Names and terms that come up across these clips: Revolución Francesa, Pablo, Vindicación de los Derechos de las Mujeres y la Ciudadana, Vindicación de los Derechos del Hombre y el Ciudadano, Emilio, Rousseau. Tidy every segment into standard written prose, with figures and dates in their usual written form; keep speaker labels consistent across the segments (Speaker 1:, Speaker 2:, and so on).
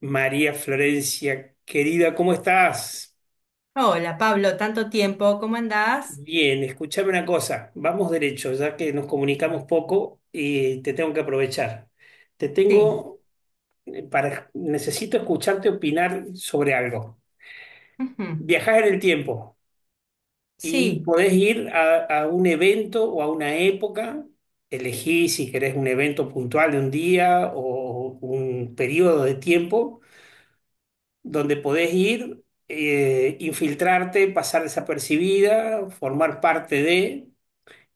Speaker 1: María Florencia, querida, ¿cómo estás?
Speaker 2: Hola Pablo, tanto tiempo, ¿cómo andás?
Speaker 1: Bien, escúchame una cosa, vamos derecho, ya que nos comunicamos poco y te tengo que aprovechar. Te
Speaker 2: Sí.
Speaker 1: tengo para, necesito escucharte opinar sobre algo.
Speaker 2: Ujú.
Speaker 1: Viajás en el tiempo y
Speaker 2: Sí.
Speaker 1: podés ir a un evento o a una época, elegí si querés un evento puntual de un día o un periodo de tiempo donde podés ir, infiltrarte, pasar desapercibida, formar parte de,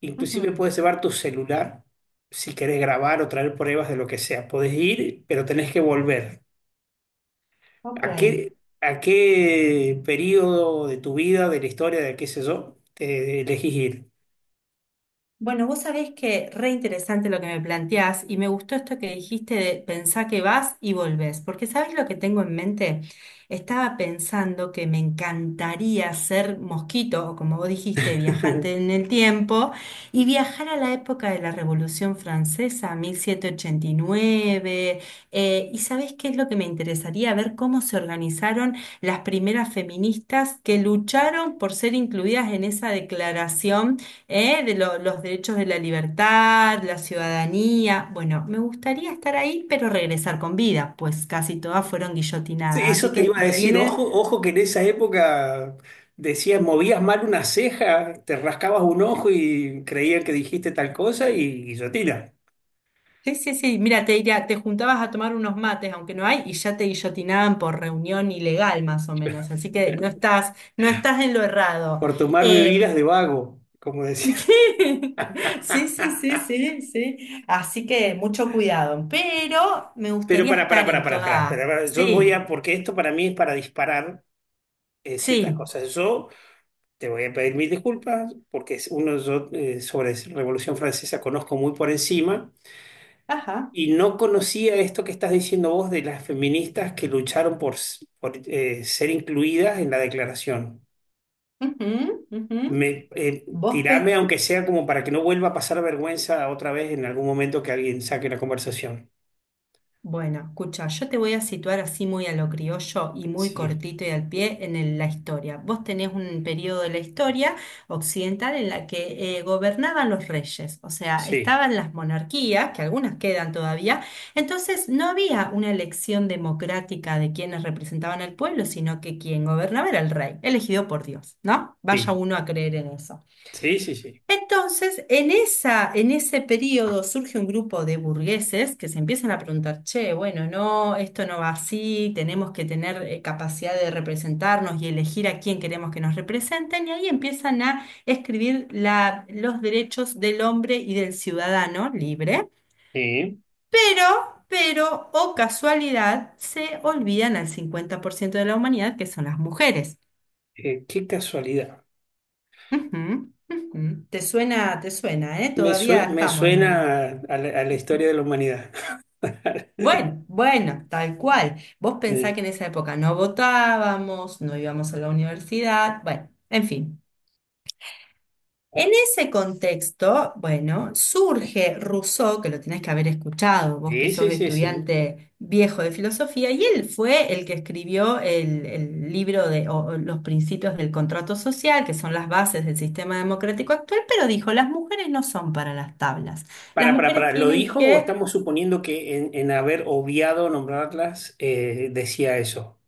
Speaker 1: inclusive
Speaker 2: Ujú.
Speaker 1: puedes llevar tu celular si querés grabar o traer pruebas de lo que sea. Podés ir, pero tenés que volver.
Speaker 2: Ok.
Speaker 1: ¿A qué, ¿A qué periodo de tu vida, de la historia, de qué sé yo, te elegís ir?
Speaker 2: Bueno, vos sabés que re interesante lo que me planteás y me gustó esto que dijiste de pensá que vas y volvés, porque ¿sabés lo que tengo en mente? Estaba pensando que me encantaría ser mosquito, o como vos dijiste, viajante en el tiempo, y viajar a la época de la Revolución Francesa, 1789, y ¿sabés qué es lo que me interesaría? Ver cómo se organizaron las primeras feministas que lucharon por ser incluidas en esa declaración, ¿eh? De los derechos de la libertad, la ciudadanía. Bueno, me gustaría estar ahí, pero regresar con vida, pues casi todas fueron
Speaker 1: Sí,
Speaker 2: guillotinadas. Así
Speaker 1: eso te
Speaker 2: que
Speaker 1: iba a
Speaker 2: me
Speaker 1: decir, ojo,
Speaker 2: viene.
Speaker 1: ojo que en esa época decían, movías mal una ceja, te rascabas un ojo y creían que dijiste tal cosa y guillotina,
Speaker 2: Sí, sí, sí. Mira, te diría, te juntabas a tomar unos mates, aunque no hay, y ya te guillotinaban por reunión ilegal, más o menos. Así que no estás en lo errado.
Speaker 1: por tomar bebidas
Speaker 2: Eh,
Speaker 1: de vago, como decía.
Speaker 2: Sí, sí, sí, sí, sí. Así que mucho cuidado. Pero me
Speaker 1: Pero
Speaker 2: gustaría estar en toda.
Speaker 1: para, yo voy
Speaker 2: Sí.
Speaker 1: a, porque esto para mí es para disparar ciertas
Speaker 2: Sí.
Speaker 1: cosas. Yo te voy a pedir mil disculpas porque es uno, yo sobre Revolución Francesa conozco muy por encima.
Speaker 2: Ajá.
Speaker 1: Y no conocía esto que estás diciendo vos de las feministas que lucharon por, por, ser incluidas en la declaración.
Speaker 2: Ujú, ujú.
Speaker 1: Me,
Speaker 2: Vos
Speaker 1: tirame,
Speaker 2: pe-
Speaker 1: aunque sea como para que no vuelva a pasar vergüenza otra vez en algún momento que alguien saque la conversación.
Speaker 2: Bueno, escucha, yo te voy a situar así muy a lo criollo y muy
Speaker 1: Sí,
Speaker 2: cortito y al pie en la historia. Vos tenés un periodo de la historia occidental en la que gobernaban los reyes, o sea,
Speaker 1: sí,
Speaker 2: estaban las monarquías, que algunas quedan todavía, entonces no había una elección democrática de quienes representaban al pueblo, sino que quien gobernaba era el rey, elegido por Dios, ¿no? Vaya
Speaker 1: sí,
Speaker 2: uno a creer en eso.
Speaker 1: sí, sí, sí.
Speaker 2: Entonces, en ese periodo surge un grupo de burgueses que se empiezan a preguntar, che, bueno, no, esto no va así, tenemos que tener capacidad de representarnos y elegir a quién queremos que nos representen, y ahí empiezan a escribir los derechos del hombre y del ciudadano libre,
Speaker 1: Sí.
Speaker 2: pero, o casualidad, se olvidan al 50% de la humanidad, que son las mujeres.
Speaker 1: Qué casualidad.
Speaker 2: Ujú, ujú. Te suena, ¿eh?
Speaker 1: Me,
Speaker 2: Todavía
Speaker 1: me
Speaker 2: estamos en el…
Speaker 1: suena a la historia de la humanidad.
Speaker 2: Bueno, bueno, tal cual. Vos pensás
Speaker 1: Eh,
Speaker 2: que en esa época no votábamos, no íbamos a la universidad, bueno, en fin. En ese contexto, bueno, surge Rousseau, que lo tenés que haber escuchado, vos que
Speaker 1: sí,
Speaker 2: sos
Speaker 1: sí, sí, sí.
Speaker 2: estudiante viejo de filosofía, y él fue el que escribió el libro de o los principios del contrato social, que son las bases del sistema democrático actual, pero dijo, las mujeres no son para las tablas. Las mujeres
Speaker 1: Para, ¿lo
Speaker 2: tienen
Speaker 1: dijo o
Speaker 2: que…
Speaker 1: estamos suponiendo que en haber obviado nombrarlas decía eso?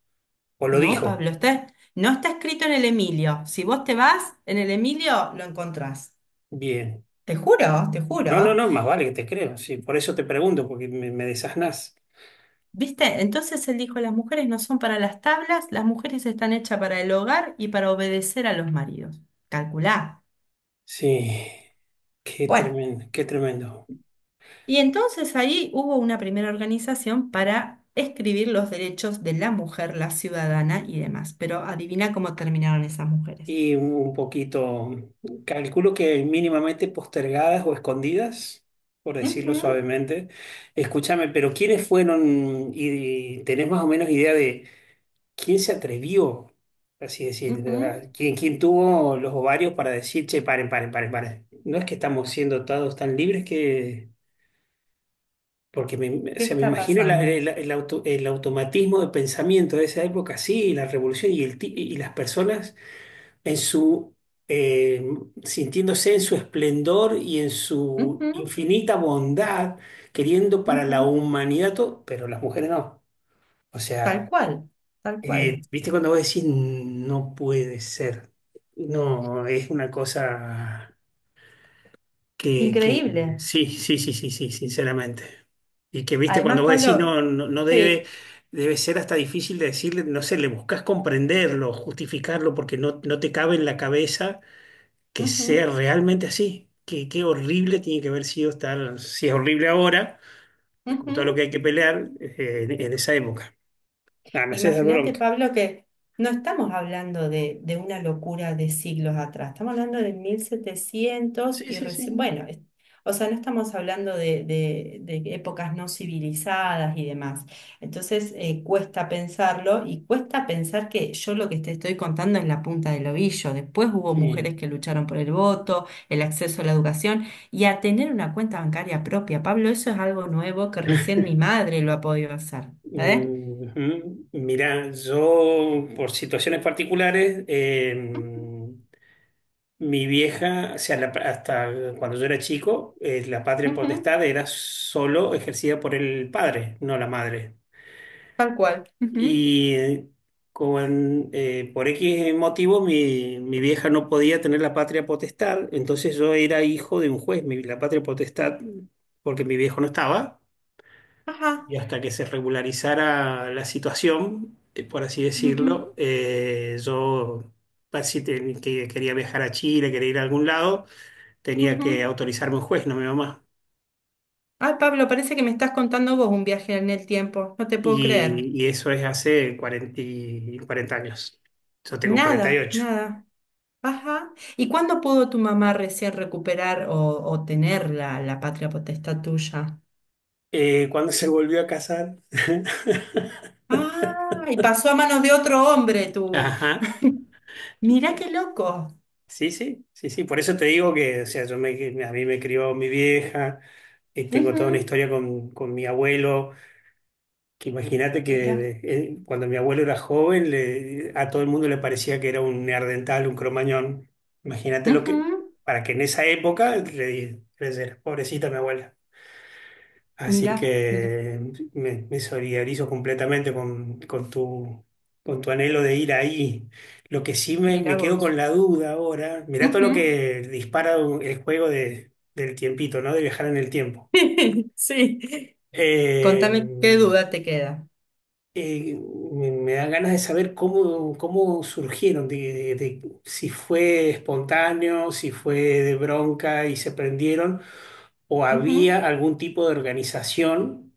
Speaker 1: ¿O lo
Speaker 2: No,
Speaker 1: dijo?
Speaker 2: Pablo, no está escrito en el Emilio. Si vos te vas, en el Emilio lo encontrás.
Speaker 1: Bien.
Speaker 2: Te juro, te juro.
Speaker 1: No, no, no, más vale que te creo. Sí, por eso te pregunto, porque me desasnás.
Speaker 2: ¿Viste? Entonces él dijo, las mujeres no son para las tablas, las mujeres están hechas para el hogar y para obedecer a los maridos. Calculá.
Speaker 1: Sí, qué
Speaker 2: Bueno,
Speaker 1: tremendo, qué tremendo.
Speaker 2: y entonces ahí hubo una primera organización para escribir los derechos de la mujer, la ciudadana y demás. Pero adivina cómo terminaron esas mujeres.
Speaker 1: Y un poquito, calculo que mínimamente postergadas o escondidas, por decirlo
Speaker 2: Ujú,
Speaker 1: suavemente. Escúchame, pero ¿quiénes fueron y tenés más o menos idea de... ¿Quién se atrevió? Así decir,
Speaker 2: ujú.
Speaker 1: ¿verdad? ¿Quién, quién tuvo los ovarios para decir, che, paren, paren, paren, paren? No es que estamos siendo todos tan libres que... Porque me, o
Speaker 2: ¿Qué
Speaker 1: sea, me
Speaker 2: está
Speaker 1: imagino
Speaker 2: pasando?
Speaker 1: el el automatismo de pensamiento de esa época, sí, la revolución y, el, y las personas en su, eh, sintiéndose en su esplendor y en su
Speaker 2: Ujú,
Speaker 1: infinita bondad, queriendo para la
Speaker 2: ujú.
Speaker 1: humanidad todo, pero las mujeres no. O
Speaker 2: Tal
Speaker 1: sea...
Speaker 2: cual, tal cual.
Speaker 1: ¿Viste cuando vos decís no puede ser? No, es una cosa que
Speaker 2: Increíble.
Speaker 1: sí, sí, sí, sí, sí, sinceramente. Y que, viste, cuando
Speaker 2: Además,
Speaker 1: vos decís
Speaker 2: Pablo,
Speaker 1: no, no, no debe,
Speaker 2: sí.
Speaker 1: debe ser hasta difícil de decirle, no sé, le buscas comprenderlo, justificarlo, porque no, no te cabe en la cabeza que sea
Speaker 2: Ujú,
Speaker 1: realmente así. Qué, qué horrible tiene que haber sido estar, si es horrible ahora, con todo lo que
Speaker 2: ujú.
Speaker 1: hay que pelear, en esa época. Ah, me haces dar
Speaker 2: Imagínate,
Speaker 1: bronca.
Speaker 2: Pablo, que no estamos hablando de una locura de siglos atrás, estamos hablando de mil setecientos
Speaker 1: Sí,
Speaker 2: y
Speaker 1: sí,
Speaker 2: recién,
Speaker 1: sí.
Speaker 2: bueno, o sea, no estamos hablando de épocas no civilizadas y demás. Entonces, cuesta pensarlo y cuesta pensar que yo lo que te estoy contando es la punta del ovillo. Después hubo
Speaker 1: Y-
Speaker 2: mujeres que lucharon por el voto, el acceso a la educación y a tener una cuenta bancaria propia. Pablo, eso es algo nuevo que recién mi madre lo ha podido hacer. ¿Eh?
Speaker 1: ujú. Mirá, yo por situaciones particulares, mi vieja, o sea, hasta cuando yo era chico, la patria
Speaker 2: Ujú.
Speaker 1: potestad era solo ejercida por el padre, no la madre.
Speaker 2: Tal cual. Ujú.
Speaker 1: Y con, por X motivos mi vieja no podía tener la patria potestad, entonces yo era hijo de un juez, la patria potestad, porque mi viejo no estaba
Speaker 2: Ajá.
Speaker 1: y hasta que se regularizara la situación, por así
Speaker 2: Ujú.
Speaker 1: decirlo, yo si que quería viajar a Chile, quería ir a algún lado, tenía que
Speaker 2: Ujú.
Speaker 1: autorizarme un juez, no mi mamá.
Speaker 2: Ay, Pablo, parece que me estás contando vos un viaje en el tiempo. No te puedo creer.
Speaker 1: Y eso es hace 40 años. Yo tengo
Speaker 2: Nada,
Speaker 1: 48.
Speaker 2: nada. Ajá. ¿Y cuándo pudo tu mamá recién recuperar o tener la patria potestad tuya?
Speaker 1: Cuando se volvió a casar.
Speaker 2: Ah, y pasó a manos de otro hombre, tú.
Speaker 1: Ajá.
Speaker 2: Mirá qué loco.
Speaker 1: Sí, sí, sí, sí. Por eso te digo que, o sea, yo me, a mí me crió mi vieja, tengo toda una
Speaker 2: Ujú.
Speaker 1: historia con mi abuelo. Que imagínate
Speaker 2: Mirá.
Speaker 1: que cuando mi abuelo era joven, a todo el mundo le parecía que era un neandertal, un cromañón. Imagínate lo que,
Speaker 2: Ujú.
Speaker 1: para que en esa época creyera, pobrecita mi abuela. Así
Speaker 2: Mirá, mirá,
Speaker 1: que me solidarizo completamente con tu anhelo de ir ahí. Lo que sí me
Speaker 2: mirá
Speaker 1: quedo
Speaker 2: vos.
Speaker 1: con la duda ahora, mirá todo lo
Speaker 2: Ujú.
Speaker 1: que dispara el juego del tiempito, ¿no? De viajar en el tiempo.
Speaker 2: Sí.
Speaker 1: Eh,
Speaker 2: Contame qué duda te queda.
Speaker 1: eh, me, me dan ganas de saber cómo, cómo surgieron, de, de si fue espontáneo, si fue de bronca y se prendieron, o
Speaker 2: Ujú.
Speaker 1: había algún tipo de organización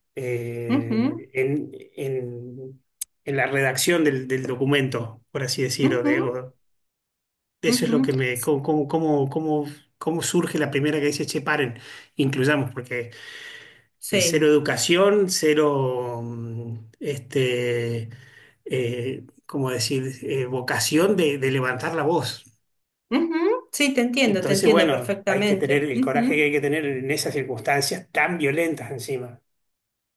Speaker 2: Ujú,
Speaker 1: en- en la redacción del, del documento, por así decirlo. De,
Speaker 2: ujú,
Speaker 1: o- eso es lo
Speaker 2: ujú.
Speaker 1: que me... Cómo, cómo, cómo, cómo surge la primera que dice, che, paren, incluyamos, porque cero
Speaker 2: Sí,
Speaker 1: educación, cero, mm, este, ¿cómo decir?, vocación de levantar la voz.
Speaker 2: ujú, sí, te
Speaker 1: Entonces,
Speaker 2: entiendo
Speaker 1: bueno, hay que tener
Speaker 2: perfectamente.
Speaker 1: el coraje que
Speaker 2: Ujú.
Speaker 1: hay que tener en esas circunstancias tan violentas encima.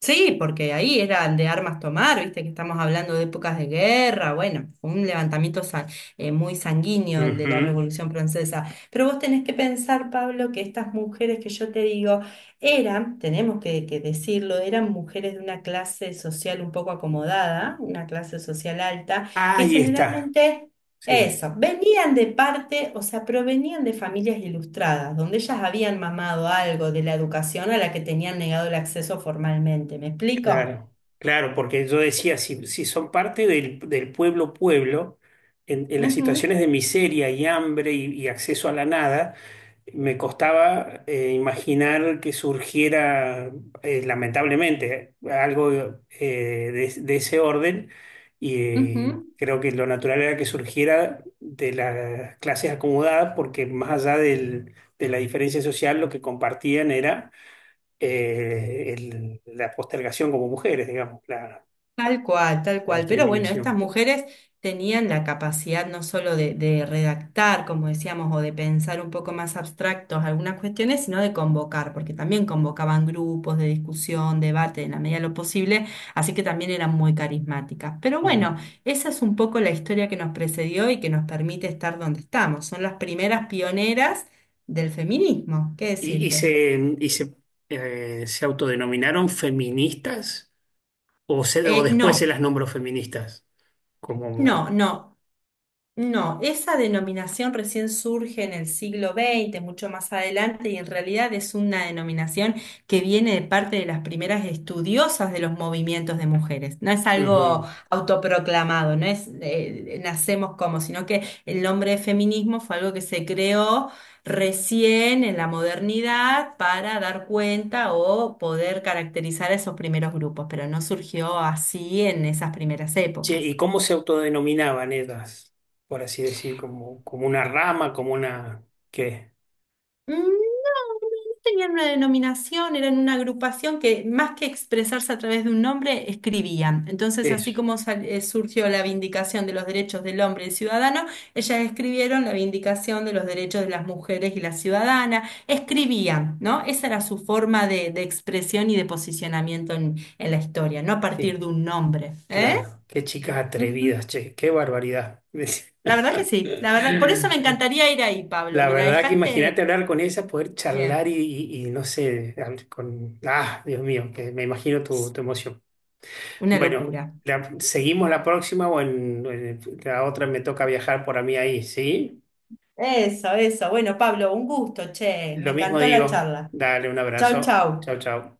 Speaker 2: Sí, porque ahí era el de armas tomar, viste que estamos hablando de épocas de guerra, bueno, fue un levantamiento muy sanguíneo el de la
Speaker 1: Ujú.
Speaker 2: Revolución Francesa. Pero vos tenés que pensar, Pablo, que estas mujeres que yo te digo eran, tenemos que decirlo, eran mujeres de una clase social un poco acomodada, una clase social alta, que
Speaker 1: Ahí está.
Speaker 2: generalmente…
Speaker 1: Sí,
Speaker 2: Eso, venían de parte, o sea, provenían de familias ilustradas, donde ellas habían mamado algo de la educación a la que tenían negado el acceso formalmente. ¿Me explico?
Speaker 1: claro. Claro, porque yo decía, si, si son parte del, del pueblo pueblo, en las
Speaker 2: Ujú,
Speaker 1: situaciones de miseria y hambre y acceso a la nada. Me costaba imaginar que surgiera, lamentablemente, algo de ese orden y
Speaker 2: ujú.
Speaker 1: creo que lo natural era que surgiera de las clases acomodadas porque más allá de la diferencia social, lo que compartían era el- la postergación como mujeres, digamos, la,
Speaker 2: Tal cual, tal
Speaker 1: la
Speaker 2: cual. Pero bueno, estas
Speaker 1: discriminación.
Speaker 2: mujeres tenían la capacidad no solo de redactar, como decíamos, o de pensar un poco más abstractos algunas cuestiones, sino de convocar, porque también convocaban grupos de discusión, debate, en la medida de lo posible, así que también eran muy carismáticas. Pero
Speaker 1: Mm.
Speaker 2: bueno, esa es un poco la historia que nos precedió y que nos permite estar donde estamos. Son las primeras pioneras del feminismo, ¿qué decirte?
Speaker 1: Y se, se autodenominaron feministas o, o después se
Speaker 2: No,
Speaker 1: las nombró feministas. Como,
Speaker 2: no. No, esa denominación recién surge en el siglo XX, mucho más adelante, y en realidad es una denominación que viene de parte de las primeras estudiosas de los movimientos de mujeres. No es algo
Speaker 1: ujú.
Speaker 2: autoproclamado, no es nacemos como, sino que el nombre de feminismo fue algo que se creó recién en la modernidad para dar cuenta o poder caracterizar a esos primeros grupos, pero no surgió así en esas primeras
Speaker 1: Che, ¿y
Speaker 2: épocas.
Speaker 1: cómo se autodenominaban ellas? Por así decir, como, como una rama, como una... ¿Qué?
Speaker 2: Mm. Tenían una denominación, eran una agrupación que más que expresarse a través de un nombre, escribían. Entonces, así
Speaker 1: Eso.
Speaker 2: como surgió la Vindicación de los Derechos del Hombre y el Ciudadano, ellas escribieron la Vindicación de los Derechos de las Mujeres y la Ciudadana. Escribían, ¿no? Esa era su forma de expresión y de posicionamiento en la historia, no a partir
Speaker 1: Sí,
Speaker 2: de un nombre. ¿Eh?
Speaker 1: claro. Qué chicas
Speaker 2: Ujú.
Speaker 1: atrevidas, che, qué barbaridad.
Speaker 2: La verdad que sí, la verdad. Por eso me encantaría ir ahí, Pablo.
Speaker 1: La
Speaker 2: Me la
Speaker 1: verdad que
Speaker 2: dejaste
Speaker 1: imagínate hablar con ellas, poder charlar
Speaker 2: bien.
Speaker 1: y no sé, hablar con... Ah, Dios mío, que me imagino tu, tu emoción.
Speaker 2: Una
Speaker 1: Bueno,
Speaker 2: locura.
Speaker 1: la- seguimos la próxima o en la otra me toca viajar por a mí ahí, ¿sí?
Speaker 2: Eso, eso. Bueno, Pablo, un gusto, che. Me
Speaker 1: Lo mismo
Speaker 2: encantó la
Speaker 1: digo,
Speaker 2: charla.
Speaker 1: dale un
Speaker 2: Chau,
Speaker 1: abrazo.
Speaker 2: chau.
Speaker 1: Chau, chau.